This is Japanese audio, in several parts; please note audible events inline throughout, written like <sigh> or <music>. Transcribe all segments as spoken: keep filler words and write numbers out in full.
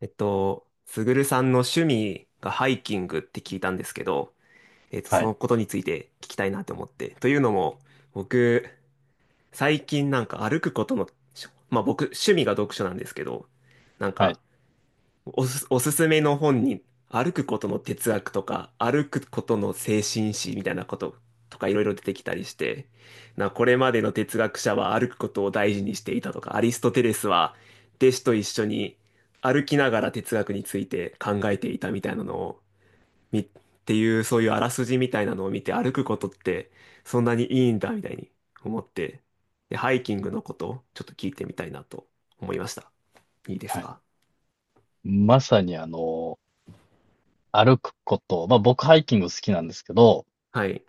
えっと、すぐるさんの趣味がハイキングって聞いたんですけど、えっと、はそい、のことについて聞きたいなと思って。というのも、僕、最近なんか歩くことの、しまあ僕、趣味が読書なんですけど、なんはかい、おす、おすすめの本に、歩くことの哲学とか、歩くことの精神史みたいなこととかいろいろ出てきたりして、な、これまでの哲学者は歩くことを大事にしていたとか、アリストテレスは弟子と一緒に歩きながら哲学について考えていたみたいなのを、み、っていうそういうあらすじみたいなのを見て、歩くことってそんなにいいんだみたいに思って、で、ハイキングのことちょっと聞いてみたいなと思いました。いいですはい。か？まさにあの、歩くこと、まあ僕ハイキング好きなんですけど、はい。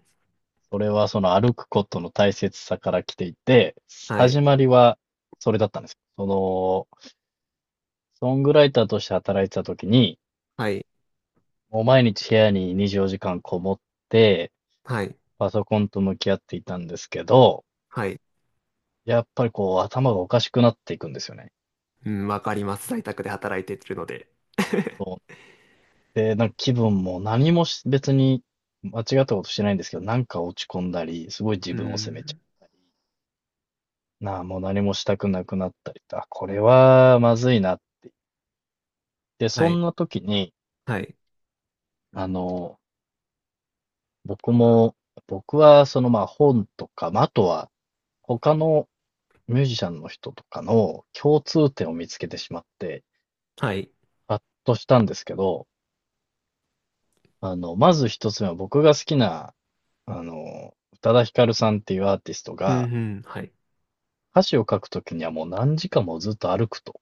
それはその歩くことの大切さから来ていて、は始い。まりはそれだったんですよ。その、ソングライターとして働いてた時に、はい。もう毎日部屋ににじゅうよじかんこもって、はい。パソコンと向き合っていたんですけど、はい。やっぱりこう頭がおかしくなっていくんですよね。うん、わかります。在宅で働いてるので。そ <laughs> う。で、なんか気分も何もし別に間違ったことしてないんですけど、なんか落ち込んだり、すごい自う分を責めちゃん。う。なあ、もう何もしたくなくなったりと、あ、これはまずいなって、はそい。んな時に、はい。あの、僕も、僕はそのまあ本とか、まあ、あとは他のミュージシャンの人とかの共通点を見つけてしまって、はい。ハッとしたんですけど、あの、まず一つ目は僕が好きな、あの、宇多田ヒカルさんっていうアーティストうが、ん、うん。はい。歌詞を書くときにはもう何時間もずっと歩くと。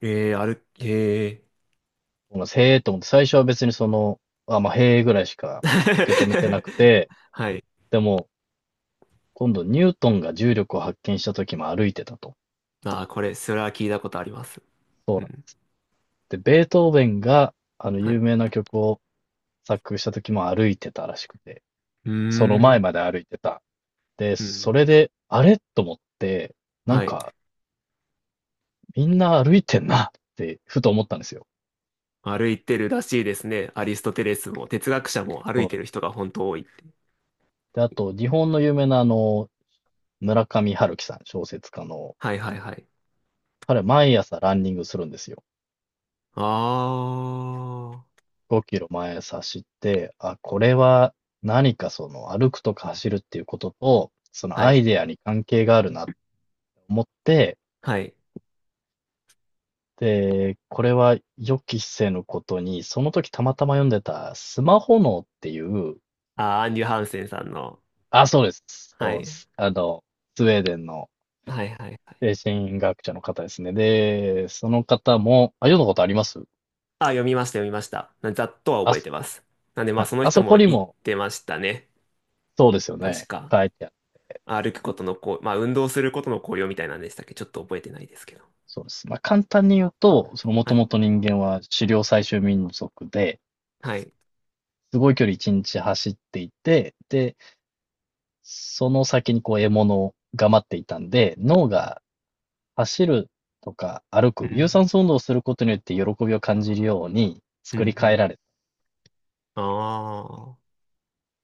えー、ある、えー。このへえと思って、最初は別にその、あ、まあ、へえぐらいしか受け止めてなく <laughs> て、はい。でも、今度ニュートンが重力を発見した時も歩いてたと。あー、これ、それは聞いたことあります。そううなんでん。す。で、ベートーベンが、あの、は有い。名な曲を作曲した時も歩いてたらしくて、うーその前ん。まで歩いてた。で、うそん。れで、あれと思って、なんはい。か、みんな歩いてんなって、ふと思ったんですよ。歩いてるらしいですね。アリストテレスも、哲学者も歩そいうてでるす。人が本当多い。で、あと、日本の有名なあの、村上春樹さん、小説家の、はいはいはい。彼毎朝ランニングするんですよ。ああ。ごキロまえ差して、あ、これは何かその歩くとか走るっていうことと、そのはアい。イデアに関係があるなって思って、はい。で、これは予期せぬことに、その時たまたま読んでたスマホ脳っていう、ああ、アンリュ・ハンセンさんの。あ、そうです。はそうでい。す。あの、スウェーデンのはいはいはい。精神学者の方ですね。で、その方も、あ、読んだことあります？あ、読みました、読みました。なざっとはあ、覚えてます。なんで、まはあ、い。そのあ人そこもに言っも、てましたね。そうですよ確ね。か。書いてある。歩くことのこう、まあ、運動することの効用みたいなんでしたっけ？ちょっと覚えてないですけど。そうです。まあ、簡単に言うと、そのもはとい。もと人間は狩猟採集民族で、はい。すごい距離一日走っていて、で、その先にこう獲物が待っていたんで、脳が走るとか歩うく、有ん。酸素運動をすることによって喜びを感じるようにうん。う作り変えん。られたああ。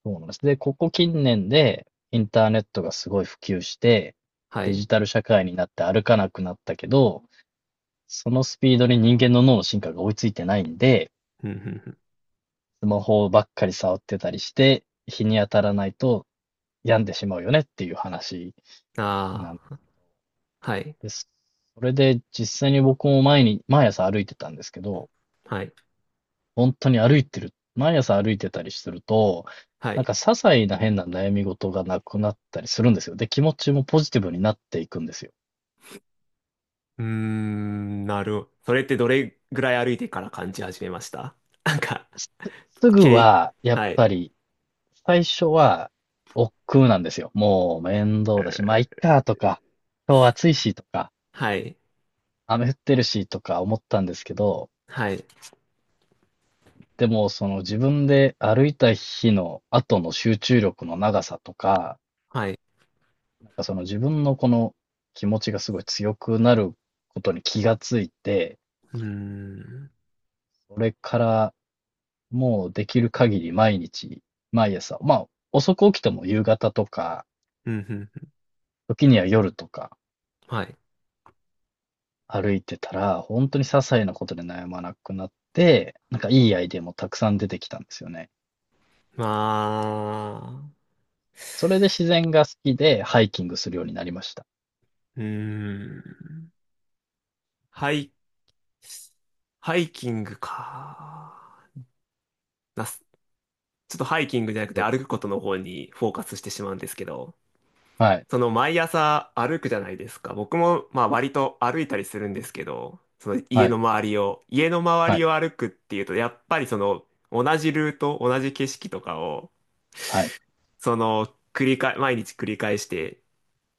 と思うんです。で、ここ近年でインターネットがすごい普及して、はデい。ジタル社会になって歩かなくなったけど、そのスピードに人間の脳の進化が追いついてないんで、うん。うスマホばっかり触ってたりして、日に当たらないと病んでしまうよねっていう話ん。なあんあー。はい。です。それで実際に僕も前に、毎朝歩いてたんですけど、はい。本当に歩いてる、毎朝歩いてたりすると、はなんい。か些細な変な悩み事がなくなったりするんですよ。で、気持ちもポジティブになっていくんですよ。うーん、なるほど。それってどれぐらい歩いてから感じ始めました？なんか、すぐけは、やっはい。ぱり、最初は、億劫なんですよ。もう面倒だし、まあ、いっかとか、今日暑いしとか、はい。雨降ってるしとか思ったんですけど、はい。でもその自分で歩いた日の後の集中力の長さとか、はい。なんかその自分のこの気持ちがすごい強くなることに気がついて、うーん。それからもうできる限り毎日、毎朝、まあ遅く起きても夕方とか、うん。うん。時には夜とかはい。歩いてたら、本当に些細なことで悩まなくなって、なんかいいアイデアもたくさん出てきたんですよね。まあ、それで自然が好きでハイキングするようになりました。うーん。ハイ、ハイキングか。なす、ちょっとハイキングじゃなくてと、歩くことの方にフォーカスしてしまうんですけど、はい、その毎朝歩くじゃないですか。僕もまあ割と歩いたりするんですけど、その家はのい、周りを、家の周はりい、を歩くっていうと、やっぱりその同じルート、同じ景色とかを、はい。その繰り返、毎日繰り返して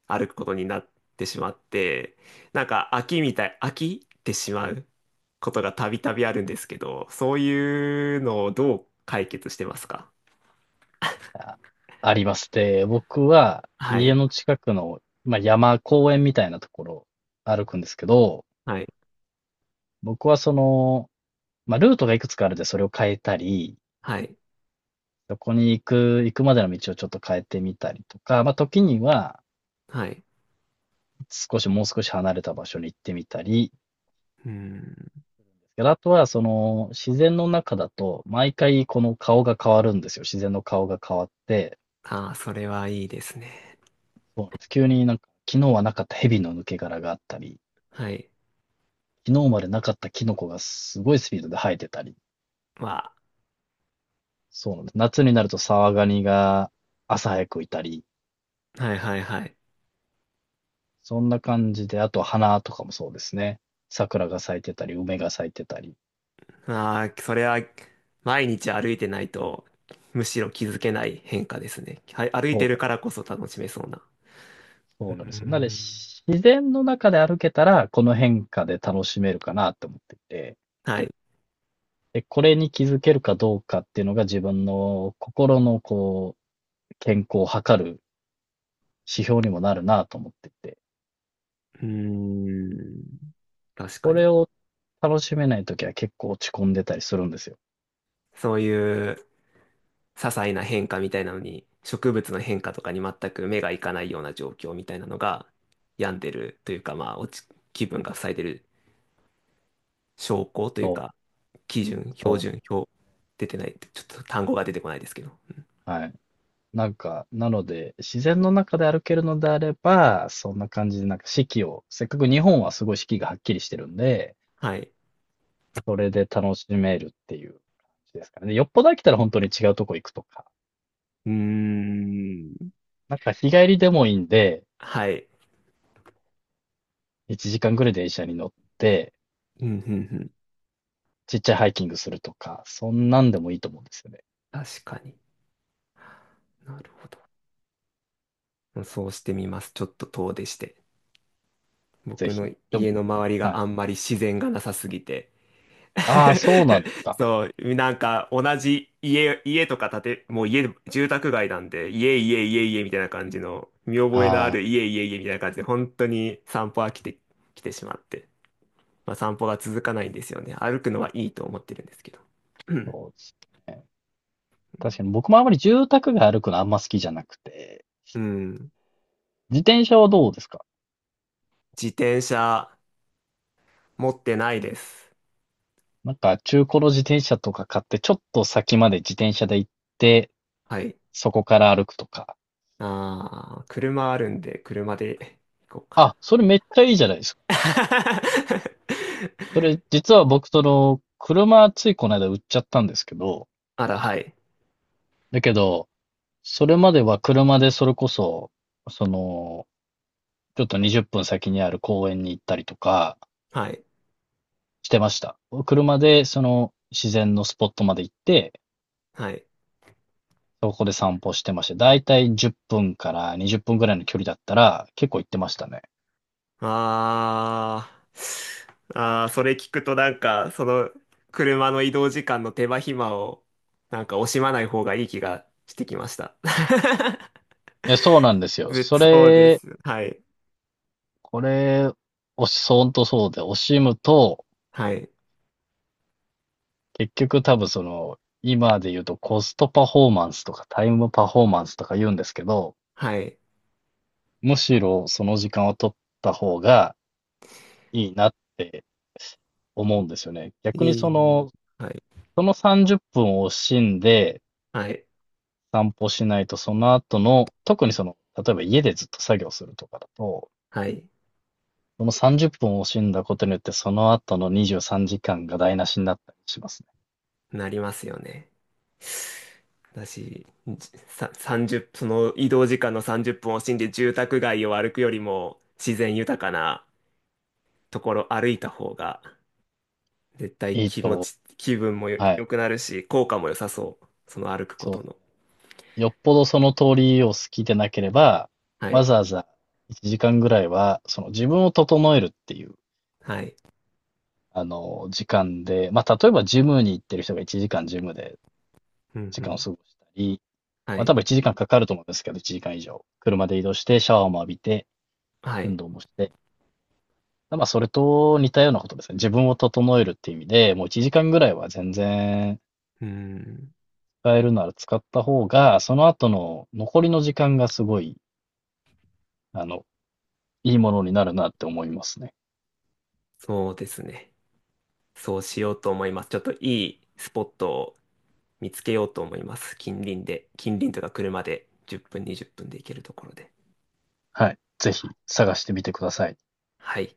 歩くことになってしまって、なんか飽きみたい、飽きてしまうことがたびたびあるんですけど、そういうのをどう解決してますか？あ、あります。で、僕はは家い、の近くの、まあ、山、公園みたいなところを歩くんですけど、はい、僕はその、まあ、ルートがいくつかあるんでそれを変えたり、はい、そこに行く、行くまでの道をちょっと変えてみたりとか、まあ、時にははい。少し、もう少し離れた場所に行ってみたり、うん。であとはその自然の中だと毎回この顔が変わるんですよ。自然の顔が変わって、ああ、それはいいですね。そうなんです。急になんか、昨日はなかった蛇の抜け殻があったり、はい。昨日までなかったキノコがすごいスピードで生えてたり、まそうなんです。夏になるとサワガニが朝早くいたり、あ、はい、はい、はい。そんな感じで、あと花とかもそうですね。桜が咲いてたり、梅が咲いてたり。ああ、それは毎日歩いてないと、むしろ気づけない変化ですね。はい、歩いそてうなるんからこそ楽しめそうな。うそーうなんですよ。なので、ん。し自然の中で歩けたら、この変化で楽しめるかなと思っていて、はい。うで、これに気づけるかどうかっていうのが自分の心のこう、健康を測る指標にもなるなと思っていて。ーん。確かこれに。を楽しめないときは結構落ち込んでたりするんですよ。そういう些細な変化みたいなのに、植物の変化とかに全く目がいかないような状況みたいなのが病んでるというか、まあ、落ち、気分が塞いでる証拠というそう、か、基準、標そ準、表、出てないって、ちょっと単語が出てこないですけど。う。はい。なんか、なので、自然の中で歩けるのであれば、そんな感じで、なんか四季を、せっかく日本はすごい四季がはっきりしてるんで、はい。それで楽しめるっていう感じですかね。でよっぽど飽きたら本当に違うとこ行くとか。うーん。なんか日帰りでもいいんで、はい。いちじかんぐらい電車に乗って、うん、うん、うん。ちっちゃいハイキングするとか、そんなんでもいいと思うんですよね。確かに。なるほど。そうしてみます。ちょっと遠出して。ぜ僕のひ。で家も、の周りはがい。あんまり自然がなさすぎて、ああ、そうなんです <laughs> か。そう、なんか同じ家、家とか建て、もう家、住宅街なんで、家、家、家、家みたいな感じの、見覚えのあああ。る家、家、家みたいな感じで、本当に散歩飽きてきてしまって、まあ散歩が続かないんですよね。歩くのはいいと思ってるんですけど。うん。そうですね。確かに僕もあまり住宅街歩くのあんま好きじゃなくて、うん、自転車はどうですか？自転車持ってないです。なんか中古の自転車とか買って、ちょっと先まで自転車で行って、はい。そこから歩くとか。ああ、車あるんで、車で行こうかな。あ、それめっちゃいいじゃないですか。それ <laughs> 実は僕その、車ついこの間売っちゃったんですけど、あら、はい。だけど、それまでは車でそれこそ、その、ちょっとにじゅっぷん先にある公園に行ったりとかはい。してました。車でその自然のスポットまで行って、はい。そこで散歩してました。だいたいじゅっぷんからにじゅっぷんぐらいの距離だったら結構行ってましたね。あーあー、それ聞くとなんか、その車の移動時間の手間暇をなんか惜しまない方がいい気がしてきました。<laughs> いや、そうなんですよ。ぜそそうでれ、す。はい。これ、おし、ほんとそうで、惜しむと、はい。結局多分その、今で言うとコストパフォーマンスとかタイムパフォーマンスとか言うんですけど、はい。むしろその時間を取った方がいいなって思うんですよね。逆にいそい。の、はい。その、さんじゅっぷんを惜しんで、はい。散歩しないと、その後の、特にその、例えば家でずっと作業するとかだと、はい。そのさんじゅっぷんを惜しんだことによって、その後のにじゅうさんじかんが台無しになったりしますね。なりますよね。私、さ、さんじゅう、その移動時間のさんじゅっぷんを惜しんで住宅街を歩くよりも自然豊かなところ歩いた方が絶対いい気持とち、気分もよは良い、くなるし、効果も良さそう。その歩くこそうとですの。ね。よっぽどその通りを好きでなければ、はわい。ざわざいちじかんぐらいは、その自分を整えるっていう、はい。あの、時間で、まあ、例えばジムに行ってる人がいちじかんジムでうん時う間をん。過ごしたり、はまあ、い。多分いちじかんかんかかると思うんですけど、いちじかん以上。車で移動して、シャワーも浴びて、は運い。動もして。まあ、それと似たようなことですね。自分を整えるっていう意味で、もういちじかんぐらいは全然うん。使えるなら使った方が、その後の残りの時間がすごい、あの、いいものになるなって思いますね。そうですね。そうしようと思います。ちょっといいスポットを見つけようと思います。近隣で。近隣とか車でじゅっぷん、にじゅっぷんで行けるところで。はい。ぜひ探してみてください。はい。